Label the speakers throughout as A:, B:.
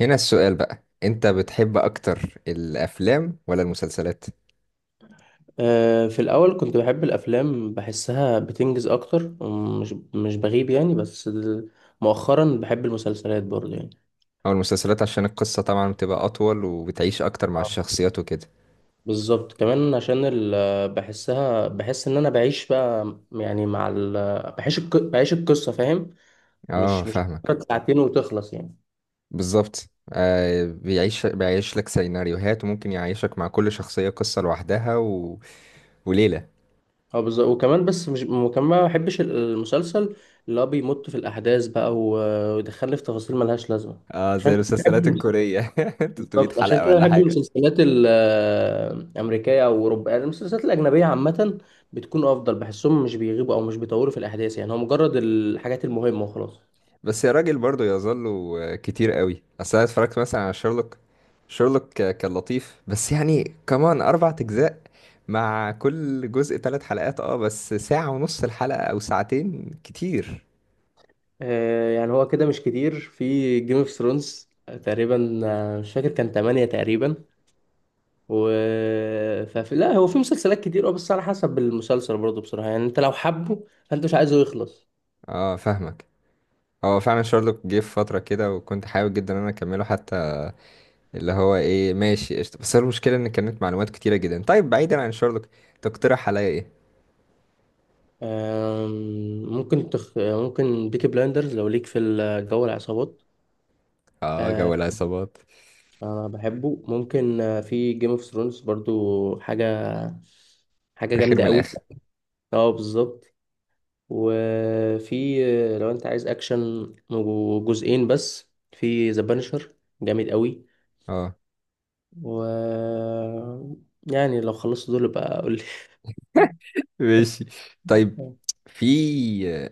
A: هنا السؤال بقى، انت بتحب اكتر الافلام ولا المسلسلات
B: في الأول كنت بحب الأفلام، بحسها بتنجز أكتر، مش بغيب يعني. بس مؤخرا بحب المسلسلات برضه يعني.
A: او المسلسلات؟ عشان القصة طبعا بتبقى اطول وبتعيش اكتر مع
B: اه
A: الشخصيات وكده.
B: بالظبط، كمان عشان بحسها، بحس إن أنا بعيش بقى يعني مع بعيش القصة، فاهم؟
A: اه
B: مش مش
A: فاهمك.
B: مجرد ساعتين وتخلص يعني.
A: بالظبط، آه بيعيش، بيعيش لك سيناريوهات وممكن يعيشك مع كل شخصية قصة لوحدها و... وليلة.
B: اه بالظبط. وكمان بس مش، وكمان ما بحبش المسلسل اللي هو بيمط في الأحداث بقى ويدخلني في تفاصيل ملهاش لازمة.
A: اه زي
B: عشان
A: المسلسلات
B: كده.
A: الكورية. 300
B: بالظبط عشان
A: حلقة
B: كده
A: ولا
B: بحب
A: حاجة.
B: المسلسلات الأمريكية أو أوروبية، يعني المسلسلات الأجنبية عامة بتكون أفضل، بحسهم مش بيغيبوا أو مش بيطولوا في الأحداث، يعني هو مجرد الحاجات المهمة وخلاص.
A: بس يا راجل برضه يظل كتير قوي. اصل انا اتفرجت مثلا على شيرلوك. شيرلوك كان لطيف، بس يعني كمان اربع اجزاء، مع كل جزء ثلاث حلقات. اه بس ساعة ونص الحلقة او ساعتين كتير.
B: يعني هو كده مش كتير. في جيم اوف ثرونز تقريبا، مش فاكر، كان تمانية تقريبا. و ففي لا هو في مسلسلات كتير، اه بس على حسب المسلسل برضه بصراحة، يعني انت لو حبه فانت مش عايزه يخلص.
A: اه فاهمك. هو فعلا شارلوك جه في فترة كده وكنت حابب جدا ان انا اكمله، حتى اللي هو ايه ماشي قشطة. بس هو المشكلة ان كانت معلومات كتيرة جدا. طيب بعيدا عن شارلوك، تقترح عليا ايه؟
B: ممكن تخ... آه، ممكن بيكي بلايندرز لو ليك في الجو، العصابات.
A: اه
B: آه،
A: جو العصابات.
B: انا بحبه. ممكن في جيم اوف ثرونز برضو، حاجه
A: فاخر
B: جامده
A: من
B: قوي.
A: الاخر.
B: اه بالظبط. وفي، لو انت عايز اكشن، جزئين بس في ذا بانشر، جامد قوي.
A: اه
B: و يعني لو خلصت دول بقى قول لي.
A: ماشي. طيب في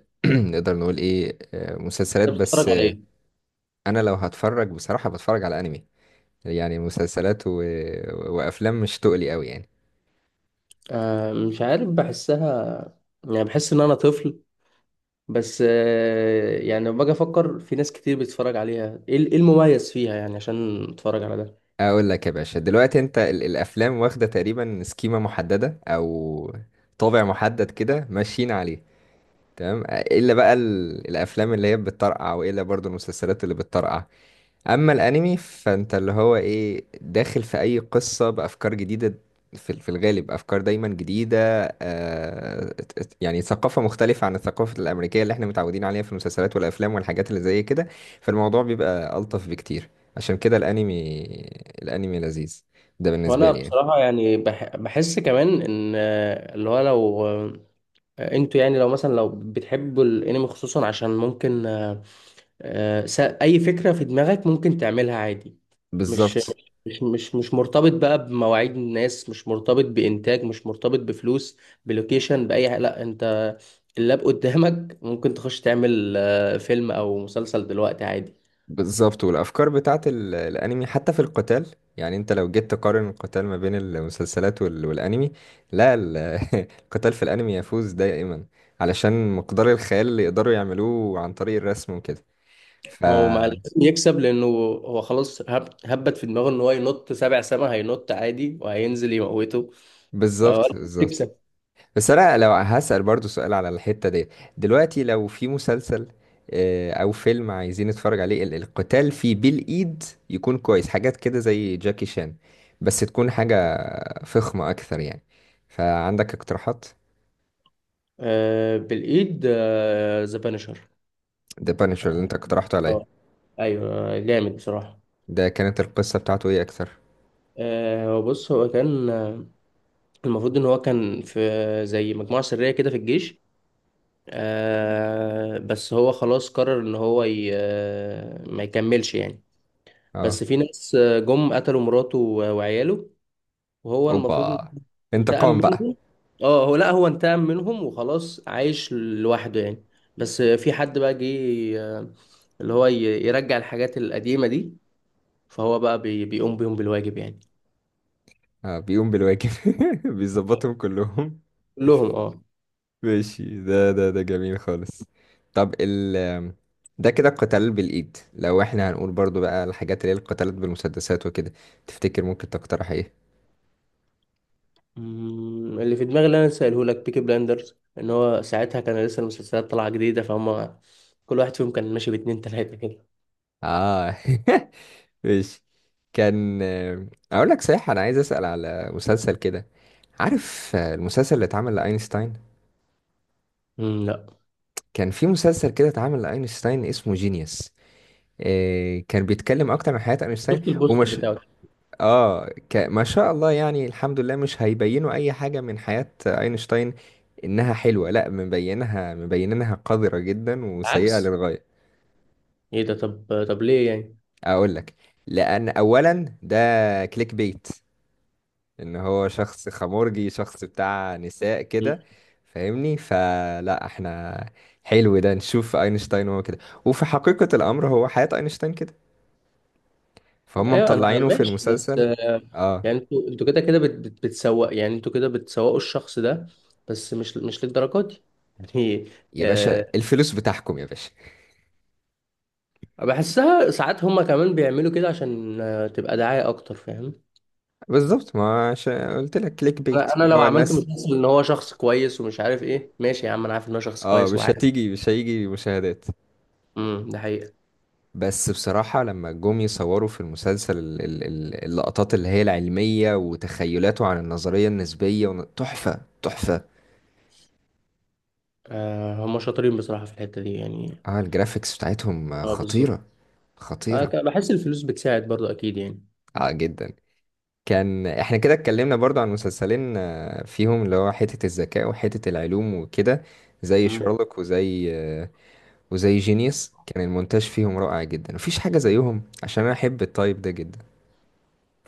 A: نقدر نقول ايه مسلسلات
B: انت بتتفرج
A: بس
B: على
A: آه،
B: ايه؟
A: انا لو هتفرج بصراحة بتفرج على انمي. يعني مسلسلات و... وافلام مش تقلي قوي يعني.
B: آه مش عارف، بحسها يعني، بحس ان انا طفل. بس آه يعني لما باجي افكر في ناس كتير بتتفرج عليها، ايه إيه المميز فيها يعني عشان اتفرج على ده.
A: اقول لك يا باشا، دلوقتي انت الافلام واخدة تقريبا سكيمة محددة او طابع محدد كده ماشيين عليه، تمام؟ الا بقى الافلام اللي هي بتطرقع، والا برضو المسلسلات اللي بتطرقع. اما الانمي فانت اللي هو ايه، داخل في اي قصة بافكار جديدة. في الغالب افكار دايما جديدة. آه يعني ثقافة مختلفة عن الثقافة الامريكية اللي احنا متعودين عليها في المسلسلات والافلام والحاجات اللي زي كده. فالموضوع بيبقى الطف بكتير. عشان كده الانمي، الانمي لذيذ. ده بالنسبة
B: وانا
A: لي يعني.
B: بصراحه يعني بحس كمان ان اللي هو لو انتوا يعني لو مثلا لو بتحبوا الانمي خصوصا، عشان ممكن اي فكره في دماغك ممكن تعملها عادي. مش
A: بالظبط
B: مش مرتبط بقى بمواعيد الناس، مش مرتبط بانتاج، مش مرتبط بفلوس، بلوكيشن، باي حاجه. لا انت اللاب قدامك ممكن تخش تعمل فيلم او مسلسل دلوقتي عادي.
A: بالظبط. والافكار بتاعت الانمي حتى في القتال، يعني انت لو جيت تقارن القتال ما بين المسلسلات والانمي، لا، قتال في الانمي يفوز دائما. علشان مقدار الخيال اللي يقدروا يعملوه عن طريق الرسم وكده. ف-
B: هو مع لازم يكسب، لانه هو خلاص هبت في دماغه ان هو ينط سبع سما، هينط عادي وهينزل يموته. فهو
A: بالظبط بالظبط.
B: يكسب.
A: بس انا لو هسأل برضو سؤال على الحتة دي، دلوقتي لو في مسلسل او فيلم عايزين نتفرج عليه، القتال فيه بالايد، يكون كويس حاجات كده زي جاكي شان، بس تكون حاجة فخمة اكثر يعني. فعندك اقتراحات؟
B: آه بالايد، آه ذا بانشر.
A: ده بانشر اللي انت اقترحته عليا.
B: اه ايوه، جامد بصراحه.
A: ده كانت القصة بتاعته ايه اكثر؟
B: بص، هو كان المفروض ان هو كان في زي مجموعه سريه كده في الجيش. آه بس هو خلاص قرر ان هو ي... آه، ما يكملش يعني.
A: اه.
B: بس في ناس جم قتلوا مراته وعياله، وهو المفروض.
A: اوبا،
B: انتقم
A: انتقام بقى.
B: منهم. اه، هو لا، هو انتقم منهم وخلاص، عايش لوحده يعني. بس في حد بقى جه، آه، اللي هو يرجع الحاجات القديمة دي، فهو بقى بيقوم بيهم بالواجب يعني.
A: اه بيقوم بالواجب. بيظبطهم كلهم.
B: كلهم، اه.
A: ماشي. ده جميل خالص. طب ال- ده كده القتال بالإيد. لو احنا هنقول برضو بقى الحاجات اللي هي القتالات بالمسدسات وكده، تفتكر ممكن تقترح ايه؟
B: مم، اللي في دماغي اللي انا سأله لك، بيكي بلاندرز، ان هو ساعتها كان لسه المسلسلات طالعة جديدة، فهم كل واحد فيهم كان ماشي باتنين تلاتة كده.
A: اه. ماشي. كان اقول لك صحيح، انا عايز اسأل على مسلسل كده. عارف المسلسل اللي اتعمل لأينشتاين؟
B: مم، لا.
A: كان في مسلسل كده اتعمل لأينشتاين اسمه جينيوس. كان بيتكلم اكتر عن حياة اينشتاين.
B: شفت البوستر
A: ومش-
B: بتاعه.
A: اه ما شاء الله يعني، الحمد لله مش هيبينوا اي حاجة من حياة اينشتاين انها حلوة. لا مبينها مبينينها قذرة جدا وسيئة
B: عكس؟
A: للغاية.
B: ايه ده؟ طب، طب ليه يعني؟
A: اقول لك. لان اولا ده كليك بيت، ان هو شخص خمورجي، شخص بتاع نساء كده، فاهمني؟ فلا احنا حلو ده نشوف اينشتاين هو كده، وفي حقيقة الامر هو حياة اينشتاين كده. فهم
B: ايوه انا
A: مطلعينه في
B: ماشي، بس
A: المسلسل. اه
B: يعني انتوا كده كده بتسوق، يعني انتوا كده بتسوقوا الشخص ده، بس مش مش للدرجه دي يعني.
A: يا باشا
B: آه،
A: الفلوس بتاعكم يا باشا.
B: بحسها ساعات هما كمان بيعملوا كده عشان تبقى دعاية اكتر، فاهم؟
A: بالظبط ما عش... قلت لك كليك
B: انا
A: بيت
B: أنا
A: اللي
B: لو
A: هو
B: عملت
A: الناس.
B: مسلسل ان هو شخص كويس ومش عارف ايه، ماشي يا عم، انا عارف ان هو شخص
A: اه
B: كويس
A: مش
B: وعارف.
A: هتيجي، مش هيجي مشاهدات.
B: امم، ده حقيقة.
A: بس بصراحة لما جم يصوروا في المسلسل اللقطات اللي هي العلمية وتخيلاته عن النظرية النسبية ون- تحفة تحفة.
B: هما شاطرين بصراحة في الحتة دي يعني.
A: اه الجرافيكس بتاعتهم
B: اه بالظبط.
A: خطيرة، خطيرة.
B: بحس الفلوس بتساعد برضو اكيد يعني.
A: اه جدا. كان احنا كده اتكلمنا برضو عن مسلسلين فيهم اللي هو حتة الذكاء وحتة العلوم وكده، زي
B: امم.
A: شارلوك وزي وزي جينيوس، كان المونتاج فيهم رائع جدا، مفيش حاجة زيهم، عشان أنا أحب التايب ده جدا.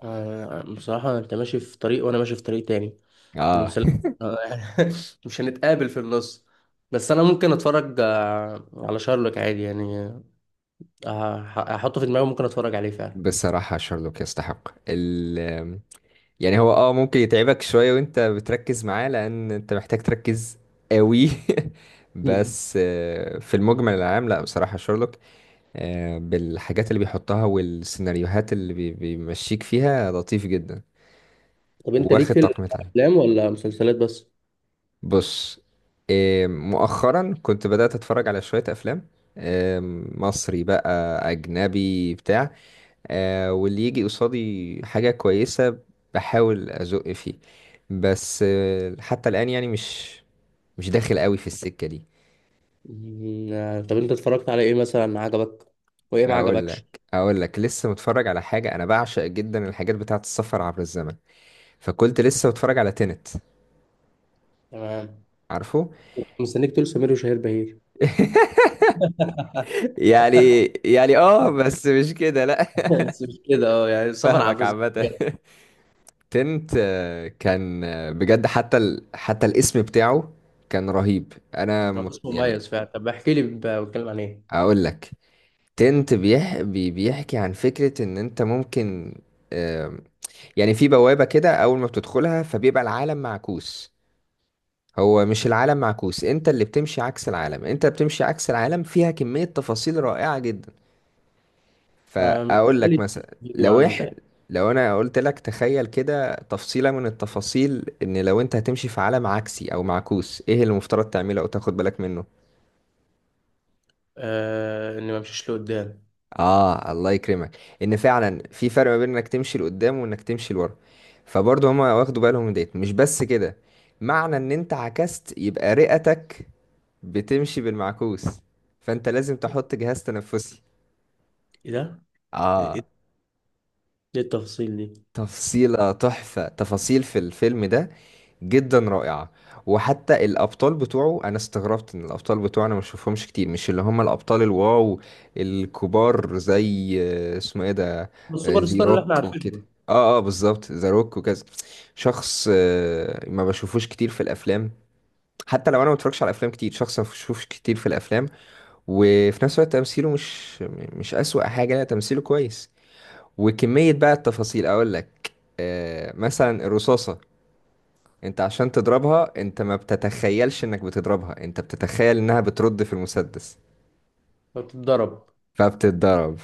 B: بصراحة انت ماشي في طريق وانا ماشي في طريق تاني.
A: آه.
B: المسل... مش هنتقابل في النص. بس انا ممكن اتفرج على شارلوك عادي يعني. هحطه في دماغي، ممكن اتفرج عليه فعلا.
A: بصراحة شارلوك يستحق ال- يعني هو آه ممكن يتعبك شوية وأنت بتركز معاه، لأن أنت محتاج تركز قوي.
B: مم.
A: بس في المجمل العام لا بصراحة شارلوك. بالحاجات اللي بيحطها والسيناريوهات اللي بيمشيك فيها، لطيف جدا.
B: طب انت ليك
A: واخد
B: في
A: تقييمات عالية.
B: الافلام ولا مسلسلات بس؟
A: بص، إيه، مؤخرا كنت بدأت أتفرج على شوية أفلام. إيه، مصري بقى، أجنبي، بتاع. واللي يجي قصادي حاجة كويسة بحاول أزق فيه. بس حتى الآن يعني مش، مش داخل قوي في السكة دي.
B: طب انت اتفرجت على ايه مثلا عجبك وايه ما
A: أقول
B: عجبكش؟
A: لك أقول لك، لسه متفرج على حاجة. أنا بعشق جدا الحاجات بتاعة السفر عبر الزمن، فكنت لسه متفرج على تينت.
B: تمام.
A: عارفه؟
B: كنت مستنيك تقول سمير وشهير بهير
A: يعني يعني اه بس مش كده لا.
B: بس مش كده، اه يعني سفر عبر
A: فاهمك
B: الزمن.
A: عامة. تنت كان بجد حتى حتى الاسم بتاعه كان رهيب. انا
B: اسمه
A: يعني.
B: مميز فعلا. طب احكي لي، بتكلم عن ايه؟
A: اقول لك. تنت بيحكي عن فكرة ان انت ممكن آم، يعني في بوابة كده اول ما بتدخلها فبيبقى العالم معكوس. هو مش العالم معكوس، انت اللي بتمشي عكس العالم، انت بتمشي عكس العالم. فيها كمية تفاصيل رائعة جدا.
B: مش
A: فاقول
B: حكى
A: لك
B: لي
A: مثلا
B: فيديو
A: لو
B: عنه تقريبا.
A: لو انا قلت لك تخيل كده تفصيلة من التفاصيل، ان لو انت هتمشي في عالم عكسي او معكوس، ايه اللي المفترض تعمله او تاخد بالك منه؟
B: اني ما امشيش لقدام.
A: اه الله يكرمك، ان فعلا في فرق ما بين انك تمشي لقدام وانك تمشي لورا. فبرضه هما واخدوا بالهم من ديت. مش بس كده، معنى ان انت عكست يبقى رئتك بتمشي بالمعكوس، فانت لازم تحط جهاز تنفسي.
B: ايه ده؟
A: اه.
B: ايه التفاصيل دي؟
A: تفصيلة تحفة. تفاصيل في الفيلم ده جدا رائعة. وحتى الأبطال بتوعه، أنا استغربت إن الأبطال بتوعه أنا مشوفهمش كتير، مش اللي هم الأبطال الواو الكبار، زي اسمه إيه ده.
B: السوبر
A: ذي
B: ستار اللي احنا
A: روك
B: عارفينه.
A: وكده، اه اه بالظبط ذا روك وكذا. شخص ما بشوفوش كتير في الأفلام، حتى لو أنا ما بتفرجش على أفلام كتير، شخص ما بشوفوش كتير في الأفلام. وفي نفس الوقت تمثيله مش، مش أسوأ حاجة، لا تمثيله كويس. وكمية بقى التفاصيل، أقول لك، آه مثلا الرصاصة، أنت عشان تضربها أنت ما بتتخيلش إنك بتضربها، أنت بتتخيل إنها بترد في المسدس،
B: بتتضرب.
A: فبتتضرب،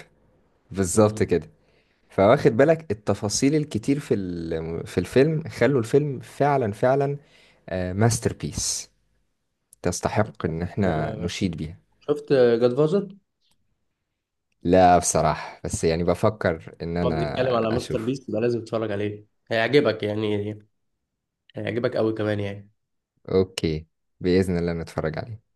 A: بالظبط
B: مم.
A: كده. فواخد بالك التفاصيل الكتير في في الفيلم خلوا الفيلم فعلا فعلا ماستر بيس، تستحق إن احنا
B: آه،
A: نشيد بيها.
B: شفت جاد فازر؟
A: لا بصراحة، بس يعني بفكر إن
B: ما
A: أنا
B: بنتكلم على مستر
A: أشوف.
B: بيست ده، لازم تتفرج عليه، هيعجبك يعني، هيعجبك قوي كمان يعني.
A: أوكي، بإذن الله نتفرج عليه.